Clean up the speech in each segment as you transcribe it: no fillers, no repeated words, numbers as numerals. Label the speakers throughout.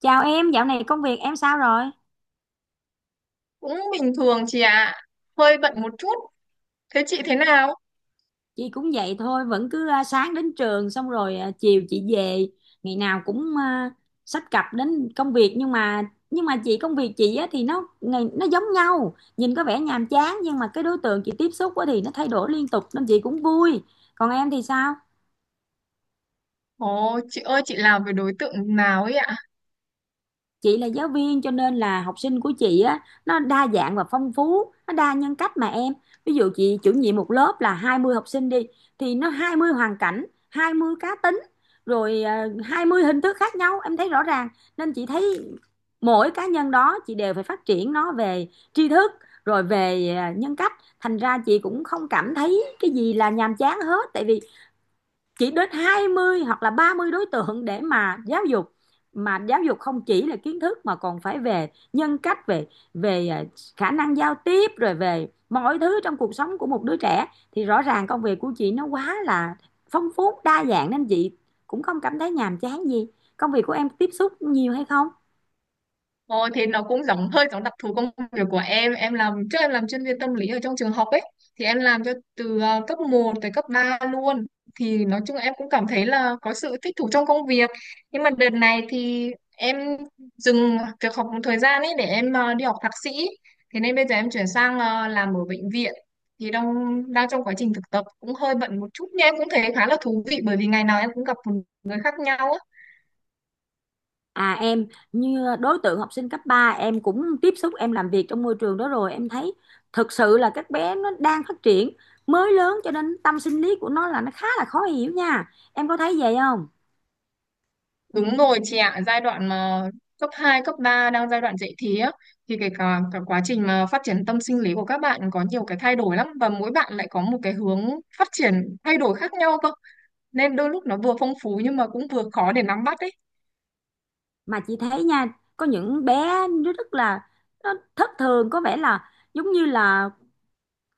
Speaker 1: Chào em, dạo này công việc em sao rồi?
Speaker 2: Cũng bình thường chị ạ. Hơi bận một chút. Thế chị thế nào?
Speaker 1: Chị cũng vậy thôi, vẫn cứ sáng đến trường xong rồi, chiều chị về, ngày nào cũng, xách cặp đến công việc nhưng mà chị công việc chị á, thì nó ngày nó giống nhau, nhìn có vẻ nhàm chán nhưng mà cái đối tượng chị tiếp xúc á, thì nó thay đổi liên tục nên chị cũng vui. Còn em thì sao?
Speaker 2: Ồ chị ơi, chị làm với đối tượng nào ấy ạ?
Speaker 1: Chị là giáo viên cho nên là học sinh của chị á, nó đa dạng và phong phú, nó đa nhân cách mà em. Ví dụ chị chủ nhiệm một lớp là 20 học sinh đi, thì nó 20 hoàn cảnh, 20 cá tính, rồi 20 hình thức khác nhau em thấy rõ ràng. Nên chị thấy mỗi cá nhân đó chị đều phải phát triển nó về tri thức, rồi về nhân cách. Thành ra chị cũng không cảm thấy cái gì là nhàm chán hết, tại vì chỉ đến 20 hoặc là 30 đối tượng để mà giáo dục, mà giáo dục không chỉ là kiến thức mà còn phải về nhân cách, về về à, khả năng giao tiếp rồi về mọi thứ trong cuộc sống của một đứa trẻ, thì rõ ràng công việc của chị nó quá là phong phú đa dạng nên chị cũng không cảm thấy nhàm chán gì. Công việc của em tiếp xúc nhiều hay không?
Speaker 2: Ồ, thế nó cũng giống, hơi giống đặc thù công việc của em. Em làm trước, em làm chuyên viên tâm lý ở trong trường học ấy, thì em làm cho từ cấp một tới cấp 3 luôn. Thì nói chung em cũng cảm thấy là có sự thích thú trong công việc, nhưng mà đợt này thì em dừng việc học một thời gian ấy để em đi học thạc sĩ. Thế nên bây giờ em chuyển sang làm ở bệnh viện, thì đang đang trong quá trình thực tập, cũng hơi bận một chút, nhưng em cũng thấy khá là thú vị bởi vì ngày nào em cũng gặp một người khác nhau á.
Speaker 1: À em, như đối tượng học sinh cấp 3 em cũng tiếp xúc, em làm việc trong môi trường đó rồi, em thấy thực sự là các bé nó đang phát triển mới lớn cho nên tâm sinh lý của nó là nó khá là khó hiểu nha, em có thấy vậy không?
Speaker 2: Đúng rồi chị ạ, giai đoạn mà cấp 2 cấp 3 đang giai đoạn dậy thì á, thì cái cả quá trình mà phát triển tâm sinh lý của các bạn có nhiều cái thay đổi lắm, và mỗi bạn lại có một cái hướng phát triển thay đổi khác nhau cơ. Nên đôi lúc nó vừa phong phú nhưng mà cũng vừa khó để nắm bắt ấy.
Speaker 1: Mà chị thấy nha, có những bé nó rất là nó thất thường, có vẻ là giống như là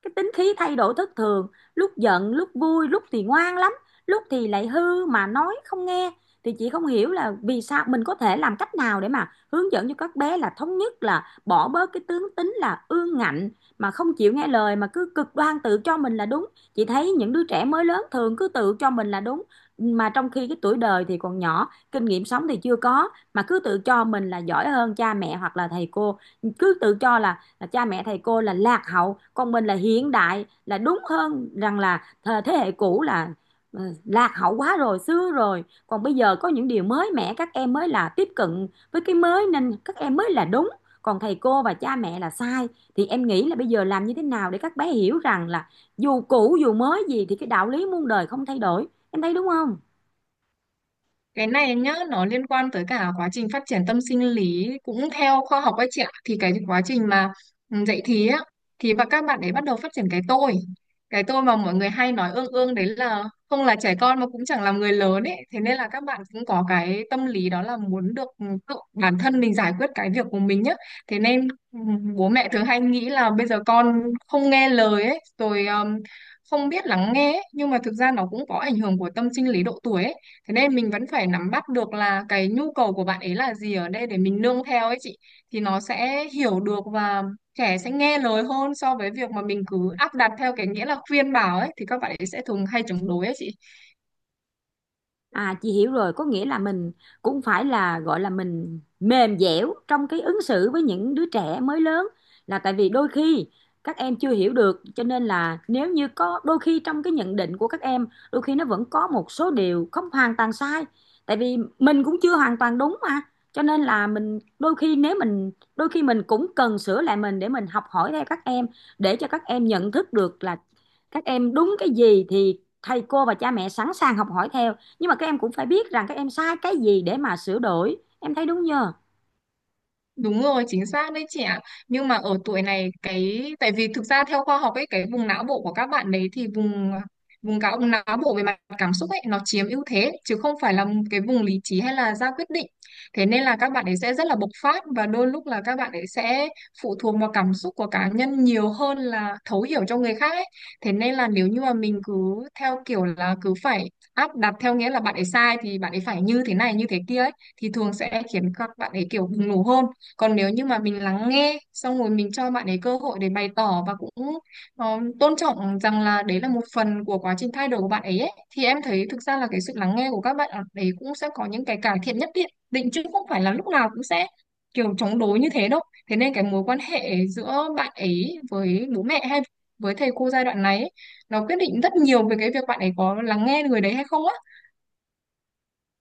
Speaker 1: cái tính khí thay đổi thất thường, lúc giận lúc vui, lúc thì ngoan lắm, lúc thì lại hư mà nói không nghe. Thì chị không hiểu là vì sao, mình có thể làm cách nào để mà hướng dẫn cho các bé là thống nhất, là bỏ bớt cái tướng tính là ương ngạnh mà không chịu nghe lời mà cứ cực đoan tự cho mình là đúng. Chị thấy những đứa trẻ mới lớn thường cứ tự cho mình là đúng, mà trong khi cái tuổi đời thì còn nhỏ, kinh nghiệm sống thì chưa có mà cứ tự cho mình là giỏi hơn cha mẹ hoặc là thầy cô. Cứ tự cho là cha mẹ thầy cô là lạc hậu, còn mình là hiện đại, là đúng hơn, rằng là thế hệ cũ là lạc hậu quá rồi, xưa rồi, còn bây giờ có những điều mới mẻ các em mới là tiếp cận với cái mới nên các em mới là đúng, còn thầy cô và cha mẹ là sai. Thì em nghĩ là bây giờ làm như thế nào để các bé hiểu rằng là dù cũ dù mới gì thì cái đạo lý muôn đời không thay đổi, em thấy đúng không?
Speaker 2: Cái này nhá, nó liên quan tới cả quá trình phát triển tâm sinh lý cũng theo khoa học ấy chị ạ, thì cái quá trình mà dậy thì á, thì và các bạn ấy bắt đầu phát triển cái tôi. Cái tôi mà mọi người hay nói ương ương đấy, là không là trẻ con mà cũng chẳng làm người lớn ấy, thế nên là các bạn cũng có cái tâm lý đó là muốn được, tự bản thân mình giải quyết cái việc của mình nhá. Thế nên bố mẹ thường hay nghĩ là bây giờ con không nghe lời ấy, rồi không biết lắng nghe ấy. Nhưng mà thực ra nó cũng có ảnh hưởng của tâm sinh lý độ tuổi ấy, thế nên mình vẫn phải nắm bắt được là cái nhu cầu của bạn ấy là gì ở đây để mình nương theo ấy chị, thì nó sẽ hiểu được, và trẻ sẽ nghe lời hơn so với việc mà mình cứ áp đặt theo cái nghĩa là khuyên bảo ấy, thì các bạn ấy sẽ thường hay chống đối ấy chị.
Speaker 1: À chị hiểu rồi, có nghĩa là mình cũng phải là gọi là mình mềm dẻo trong cái ứng xử với những đứa trẻ mới lớn, là tại vì đôi khi các em chưa hiểu được, cho nên là nếu như có đôi khi trong cái nhận định của các em, đôi khi nó vẫn có một số điều không hoàn toàn sai, tại vì mình cũng chưa hoàn toàn đúng mà. Cho nên là mình đôi khi, nếu mình đôi khi mình cũng cần sửa lại mình để mình học hỏi theo các em, để cho các em nhận thức được là các em đúng cái gì thì thầy cô và cha mẹ sẵn sàng học hỏi theo, nhưng mà các em cũng phải biết rằng các em sai cái gì để mà sửa đổi, em thấy đúng nhờ.
Speaker 2: Đúng rồi, chính xác đấy chị ạ. Nhưng mà ở tuổi này cái, tại vì thực ra theo khoa học ấy, cái vùng não bộ của các bạn đấy thì vùng vùng cáo vùng não bộ về mặt cảm xúc ấy nó chiếm ưu thế chứ không phải là cái vùng lý trí hay là ra quyết định. Thế nên là các bạn ấy sẽ rất là bộc phát, và đôi lúc là các bạn ấy sẽ phụ thuộc vào cảm xúc của cá nhân nhiều hơn là thấu hiểu cho người khác ấy. Thế nên là nếu như mà mình cứ theo kiểu là cứ phải áp đặt theo nghĩa là bạn ấy sai thì bạn ấy phải như thế này như thế kia ấy, thì thường sẽ khiến các bạn ấy kiểu bùng nổ hơn. Còn nếu như mà mình lắng nghe xong rồi mình cho bạn ấy cơ hội để bày tỏ, và cũng ờ, tôn trọng rằng là đấy là một phần của quá trình thay đổi của bạn ấy, ấy, thì em thấy thực ra là cái sự lắng nghe của các bạn ấy cũng sẽ có những cái cải thiện nhất định định chứ không phải là lúc nào cũng sẽ kiểu chống đối như thế đâu. Thế nên cái mối quan hệ giữa bạn ấy với bố mẹ hay với thầy cô giai đoạn này ấy, nó quyết định rất nhiều về cái việc bạn ấy có lắng nghe người đấy hay không á.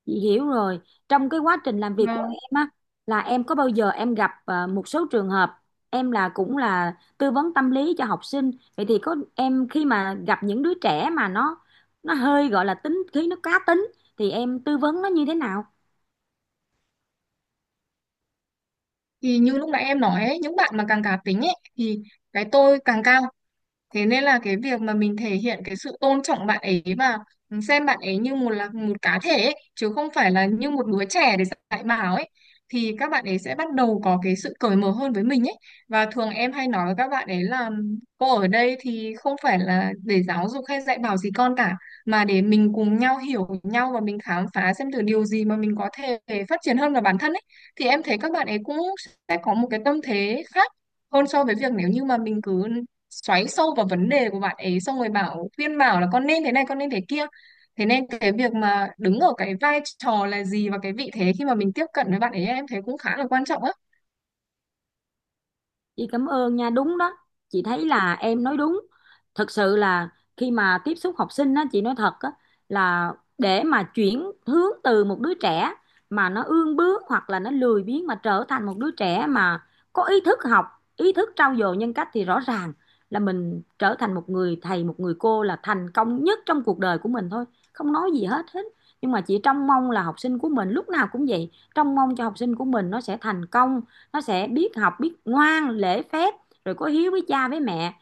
Speaker 1: Chị hiểu rồi, trong cái quá trình làm việc của
Speaker 2: Vâng.
Speaker 1: em á, là em có bao giờ em gặp một số trường hợp, em là cũng là tư vấn tâm lý cho học sinh, vậy thì có em khi mà gặp những đứa trẻ mà nó hơi gọi là tính khí nó cá tính, thì em tư vấn nó như thế nào?
Speaker 2: Thì như lúc nãy em nói ấy, những bạn mà càng cá tính ấy thì cái tôi càng cao. Thế nên là cái việc mà mình thể hiện cái sự tôn trọng bạn ấy và xem bạn ấy như một, là một cá thể ấy, chứ không phải là như một đứa trẻ để dạy bảo ấy, thì các bạn ấy sẽ bắt đầu có cái sự cởi mở hơn với mình ấy. Và thường em hay nói với các bạn ấy là cô ở đây thì không phải là để giáo dục hay dạy bảo gì con cả, mà để mình cùng nhau hiểu nhau và mình khám phá xem thử điều gì mà mình có thể phát triển hơn vào bản thân ấy, thì em thấy các bạn ấy cũng sẽ có một cái tâm thế khác hơn so với việc nếu như mà mình cứ xoáy sâu vào vấn đề của bạn ấy xong rồi bảo khuyên bảo là con nên thế này con nên thế kia. Thế nên cái việc mà đứng ở cái vai trò là gì và cái vị thế khi mà mình tiếp cận với bạn ấy, em thấy cũng khá là quan trọng á.
Speaker 1: Chị cảm ơn nha, đúng đó. Chị thấy là em nói đúng. Thật sự là khi mà tiếp xúc học sinh á, chị nói thật á, là để mà chuyển hướng từ một đứa trẻ mà nó ương bướng hoặc là nó lười biếng mà trở thành một đứa trẻ mà có ý thức học, ý thức trau dồi nhân cách thì rõ ràng là mình trở thành một người thầy, một người cô là thành công nhất trong cuộc đời của mình thôi. Không nói gì hết hết. Nhưng mà chị trông mong là học sinh của mình lúc nào cũng vậy, trông mong cho học sinh của mình nó sẽ thành công, nó sẽ biết học biết ngoan lễ phép, rồi có hiếu với cha với mẹ.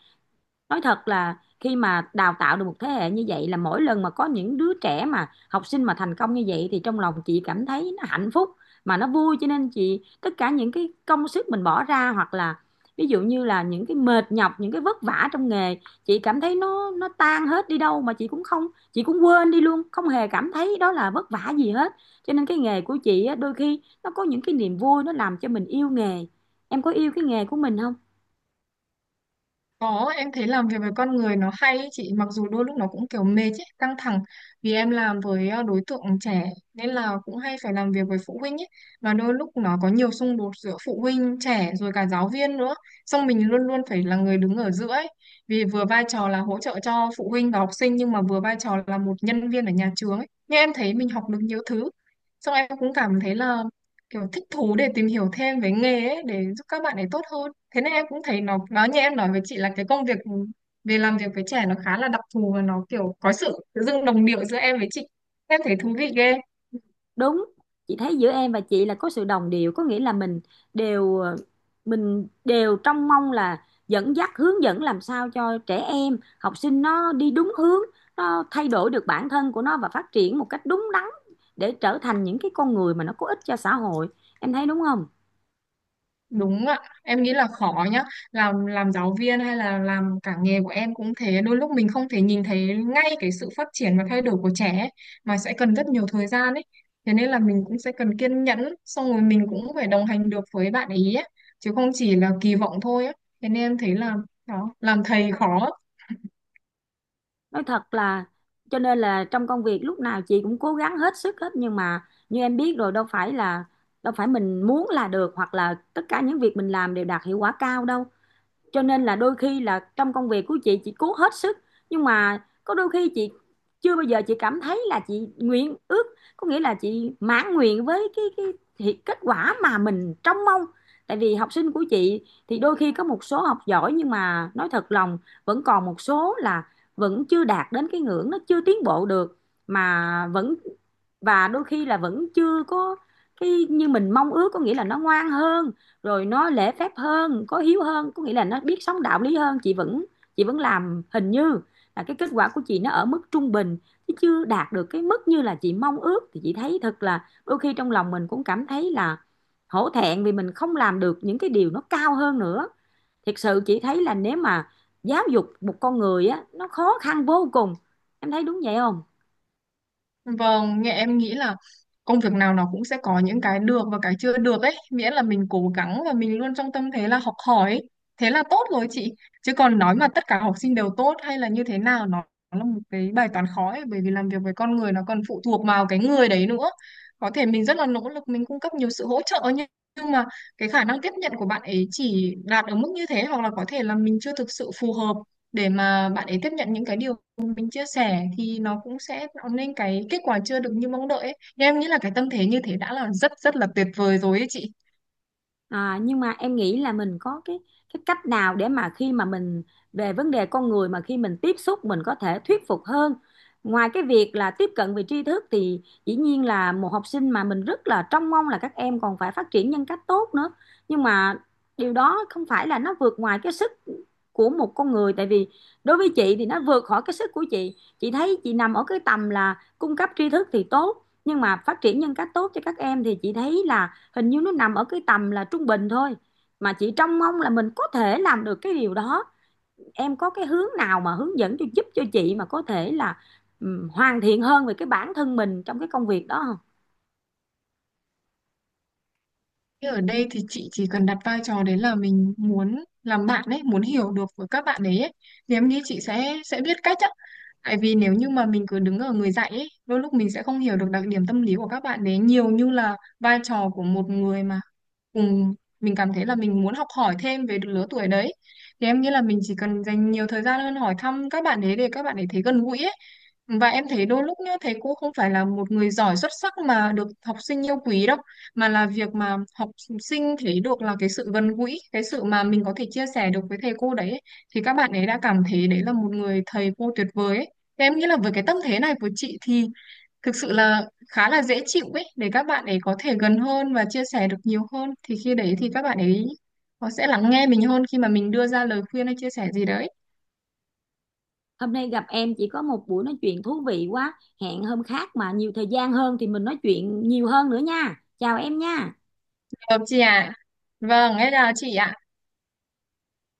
Speaker 1: Nói thật là khi mà đào tạo được một thế hệ như vậy, là mỗi lần mà có những đứa trẻ mà học sinh mà thành công như vậy thì trong lòng chị cảm thấy nó hạnh phúc mà nó vui, cho nên chị tất cả những cái công sức mình bỏ ra, hoặc là ví dụ như là những cái mệt nhọc, những cái vất vả trong nghề, chị cảm thấy nó tan hết đi đâu mà chị cũng không, chị cũng quên đi luôn, không hề cảm thấy đó là vất vả gì hết. Cho nên cái nghề của chị á, đôi khi nó có những cái niềm vui, nó làm cho mình yêu nghề. Em có yêu cái nghề của mình không?
Speaker 2: Có, em thấy làm việc với con người nó hay ý chị, mặc dù đôi lúc nó cũng kiểu mệt ấy, căng thẳng, vì em làm với đối tượng trẻ, nên là cũng hay phải làm việc với phụ huynh ấy, và đôi lúc nó có nhiều xung đột giữa phụ huynh, trẻ rồi cả giáo viên nữa. Xong mình luôn luôn phải là người đứng ở giữa ấy, vì vừa vai trò là hỗ trợ cho phụ huynh và học sinh nhưng mà vừa vai trò là một nhân viên ở nhà trường ấy. Nhưng em thấy mình học được nhiều thứ. Xong em cũng cảm thấy là kiểu thích thú để tìm hiểu thêm về nghề ấy để giúp các bạn ấy tốt hơn. Thế nên em cũng thấy nó như em nói với chị là cái công việc về làm việc với trẻ nó khá là đặc thù, và nó kiểu có sự tự dưng đồng điệu giữa em với chị, em thấy thú vị ghê.
Speaker 1: Đúng, chị thấy giữa em và chị là có sự đồng điệu, có nghĩa là mình đều mình đều trong mong là dẫn dắt hướng dẫn làm sao cho trẻ em, học sinh nó đi đúng hướng, nó thay đổi được bản thân của nó và phát triển một cách đúng đắn để trở thành những cái con người mà nó có ích cho xã hội. Em thấy đúng không?
Speaker 2: Đúng ạ, em nghĩ là khó nhá. Làm giáo viên hay là làm cả nghề của em cũng thế, đôi lúc mình không thể nhìn thấy ngay cái sự phát triển và thay đổi của trẻ ấy, mà sẽ cần rất nhiều thời gian ấy. Thế nên là mình cũng sẽ cần kiên nhẫn, xong rồi mình cũng phải đồng hành được với bạn ý ấy, chứ không chỉ là kỳ vọng thôi ấy. Thế nên em thấy là đó, làm thầy khó.
Speaker 1: Nói thật là cho nên là trong công việc lúc nào chị cũng cố gắng hết sức hết, nhưng mà như em biết rồi, đâu phải là đâu phải mình muốn là được hoặc là tất cả những việc mình làm đều đạt hiệu quả cao đâu. Cho nên là đôi khi là trong công việc của chị cố hết sức, nhưng mà có đôi khi chị chưa bao giờ chị cảm thấy là chị nguyện ước, có nghĩa là chị mãn nguyện với cái kết quả mà mình trông mong, tại vì học sinh của chị thì đôi khi có một số học giỏi, nhưng mà nói thật lòng vẫn còn một số là vẫn chưa đạt đến cái ngưỡng, nó chưa tiến bộ được mà vẫn, và đôi khi là vẫn chưa có cái như mình mong ước, có nghĩa là nó ngoan hơn, rồi nó lễ phép hơn, có hiếu hơn, có nghĩa là nó biết sống đạo lý hơn. Chị vẫn làm hình như là cái kết quả của chị nó ở mức trung bình chứ chưa đạt được cái mức như là chị mong ước, thì chị thấy thật là đôi khi trong lòng mình cũng cảm thấy là hổ thẹn vì mình không làm được những cái điều nó cao hơn nữa. Thật sự chị thấy là nếu mà giáo dục một con người á, nó khó khăn vô cùng, em thấy đúng vậy không?
Speaker 2: Vâng, nghe em nghĩ là công việc nào nó cũng sẽ có những cái được và cái chưa được ấy, miễn là mình cố gắng và mình luôn trong tâm thế là học hỏi ấy. Thế là tốt rồi chị. Chứ còn nói mà tất cả học sinh đều tốt hay là như thế nào, nó là một cái bài toán khó ấy, bởi vì làm việc với con người nó còn phụ thuộc vào cái người đấy nữa. Có thể mình rất là nỗ lực, mình cung cấp nhiều sự hỗ trợ nhưng mà cái khả năng tiếp nhận của bạn ấy chỉ đạt ở mức như thế, hoặc là có thể là mình chưa thực sự phù hợp để mà bạn ấy tiếp nhận những cái điều mình chia sẻ, thì nó cũng sẽ tạo nên cái kết quả chưa được như mong đợi ấy. Nhưng em nghĩ là cái tâm thế như thế đã là rất rất là tuyệt vời rồi ấy chị.
Speaker 1: À, nhưng mà em nghĩ là mình có cái cách nào để mà khi mà mình về vấn đề con người mà khi mình tiếp xúc mình có thể thuyết phục hơn. Ngoài cái việc là tiếp cận về tri thức thì dĩ nhiên là một học sinh mà mình rất là trông mong là các em còn phải phát triển nhân cách tốt nữa. Nhưng mà điều đó không phải là nó vượt ngoài cái sức của một con người, tại vì đối với chị thì nó vượt khỏi cái sức của chị. Chị thấy chị nằm ở cái tầm là cung cấp tri thức thì tốt, nhưng mà phát triển nhân cách tốt cho các em thì chị thấy là hình như nó nằm ở cái tầm là trung bình thôi, mà chị trông mong là mình có thể làm được cái điều đó. Em có cái hướng nào mà hướng dẫn cho, giúp cho chị mà có thể là hoàn thiện hơn về cái bản thân mình trong cái công việc đó không?
Speaker 2: Thế ở đây thì chị chỉ cần đặt vai trò đấy là mình muốn làm bạn ấy, muốn hiểu được với các bạn ấy, ấy. Thì em nghĩ chị sẽ biết cách á. Tại vì nếu như mà mình cứ đứng ở người dạy ấy, đôi lúc mình sẽ không hiểu được đặc điểm tâm lý của các bạn đấy nhiều như là vai trò của một người mà cùng mình cảm thấy là mình muốn học hỏi thêm về lứa tuổi đấy. Thì em nghĩ là mình chỉ cần dành nhiều thời gian hơn hỏi thăm các bạn ấy để các bạn ấy thấy gần gũi ấy. Và em thấy đôi lúc nhá, thầy cô không phải là một người giỏi xuất sắc mà được học sinh yêu quý đâu, mà là việc mà học sinh thấy được là cái sự gần gũi, cái sự mà mình có thể chia sẻ được với thầy cô đấy ấy, thì các bạn ấy đã cảm thấy đấy là một người thầy cô tuyệt vời ấy. Thế em nghĩ là với cái tâm thế này của chị thì thực sự là khá là dễ chịu ấy để các bạn ấy có thể gần hơn và chia sẻ được nhiều hơn, thì khi đấy thì các bạn ấy họ sẽ lắng nghe mình hơn khi mà mình đưa ra lời khuyên hay chia sẻ gì đấy.
Speaker 1: Hôm nay gặp em chị có một buổi nói chuyện thú vị quá, hẹn hôm khác mà nhiều thời gian hơn thì mình nói chuyện nhiều hơn nữa nha, chào em nha.
Speaker 2: Được chị ạ? Vâng, em chào chị ạ.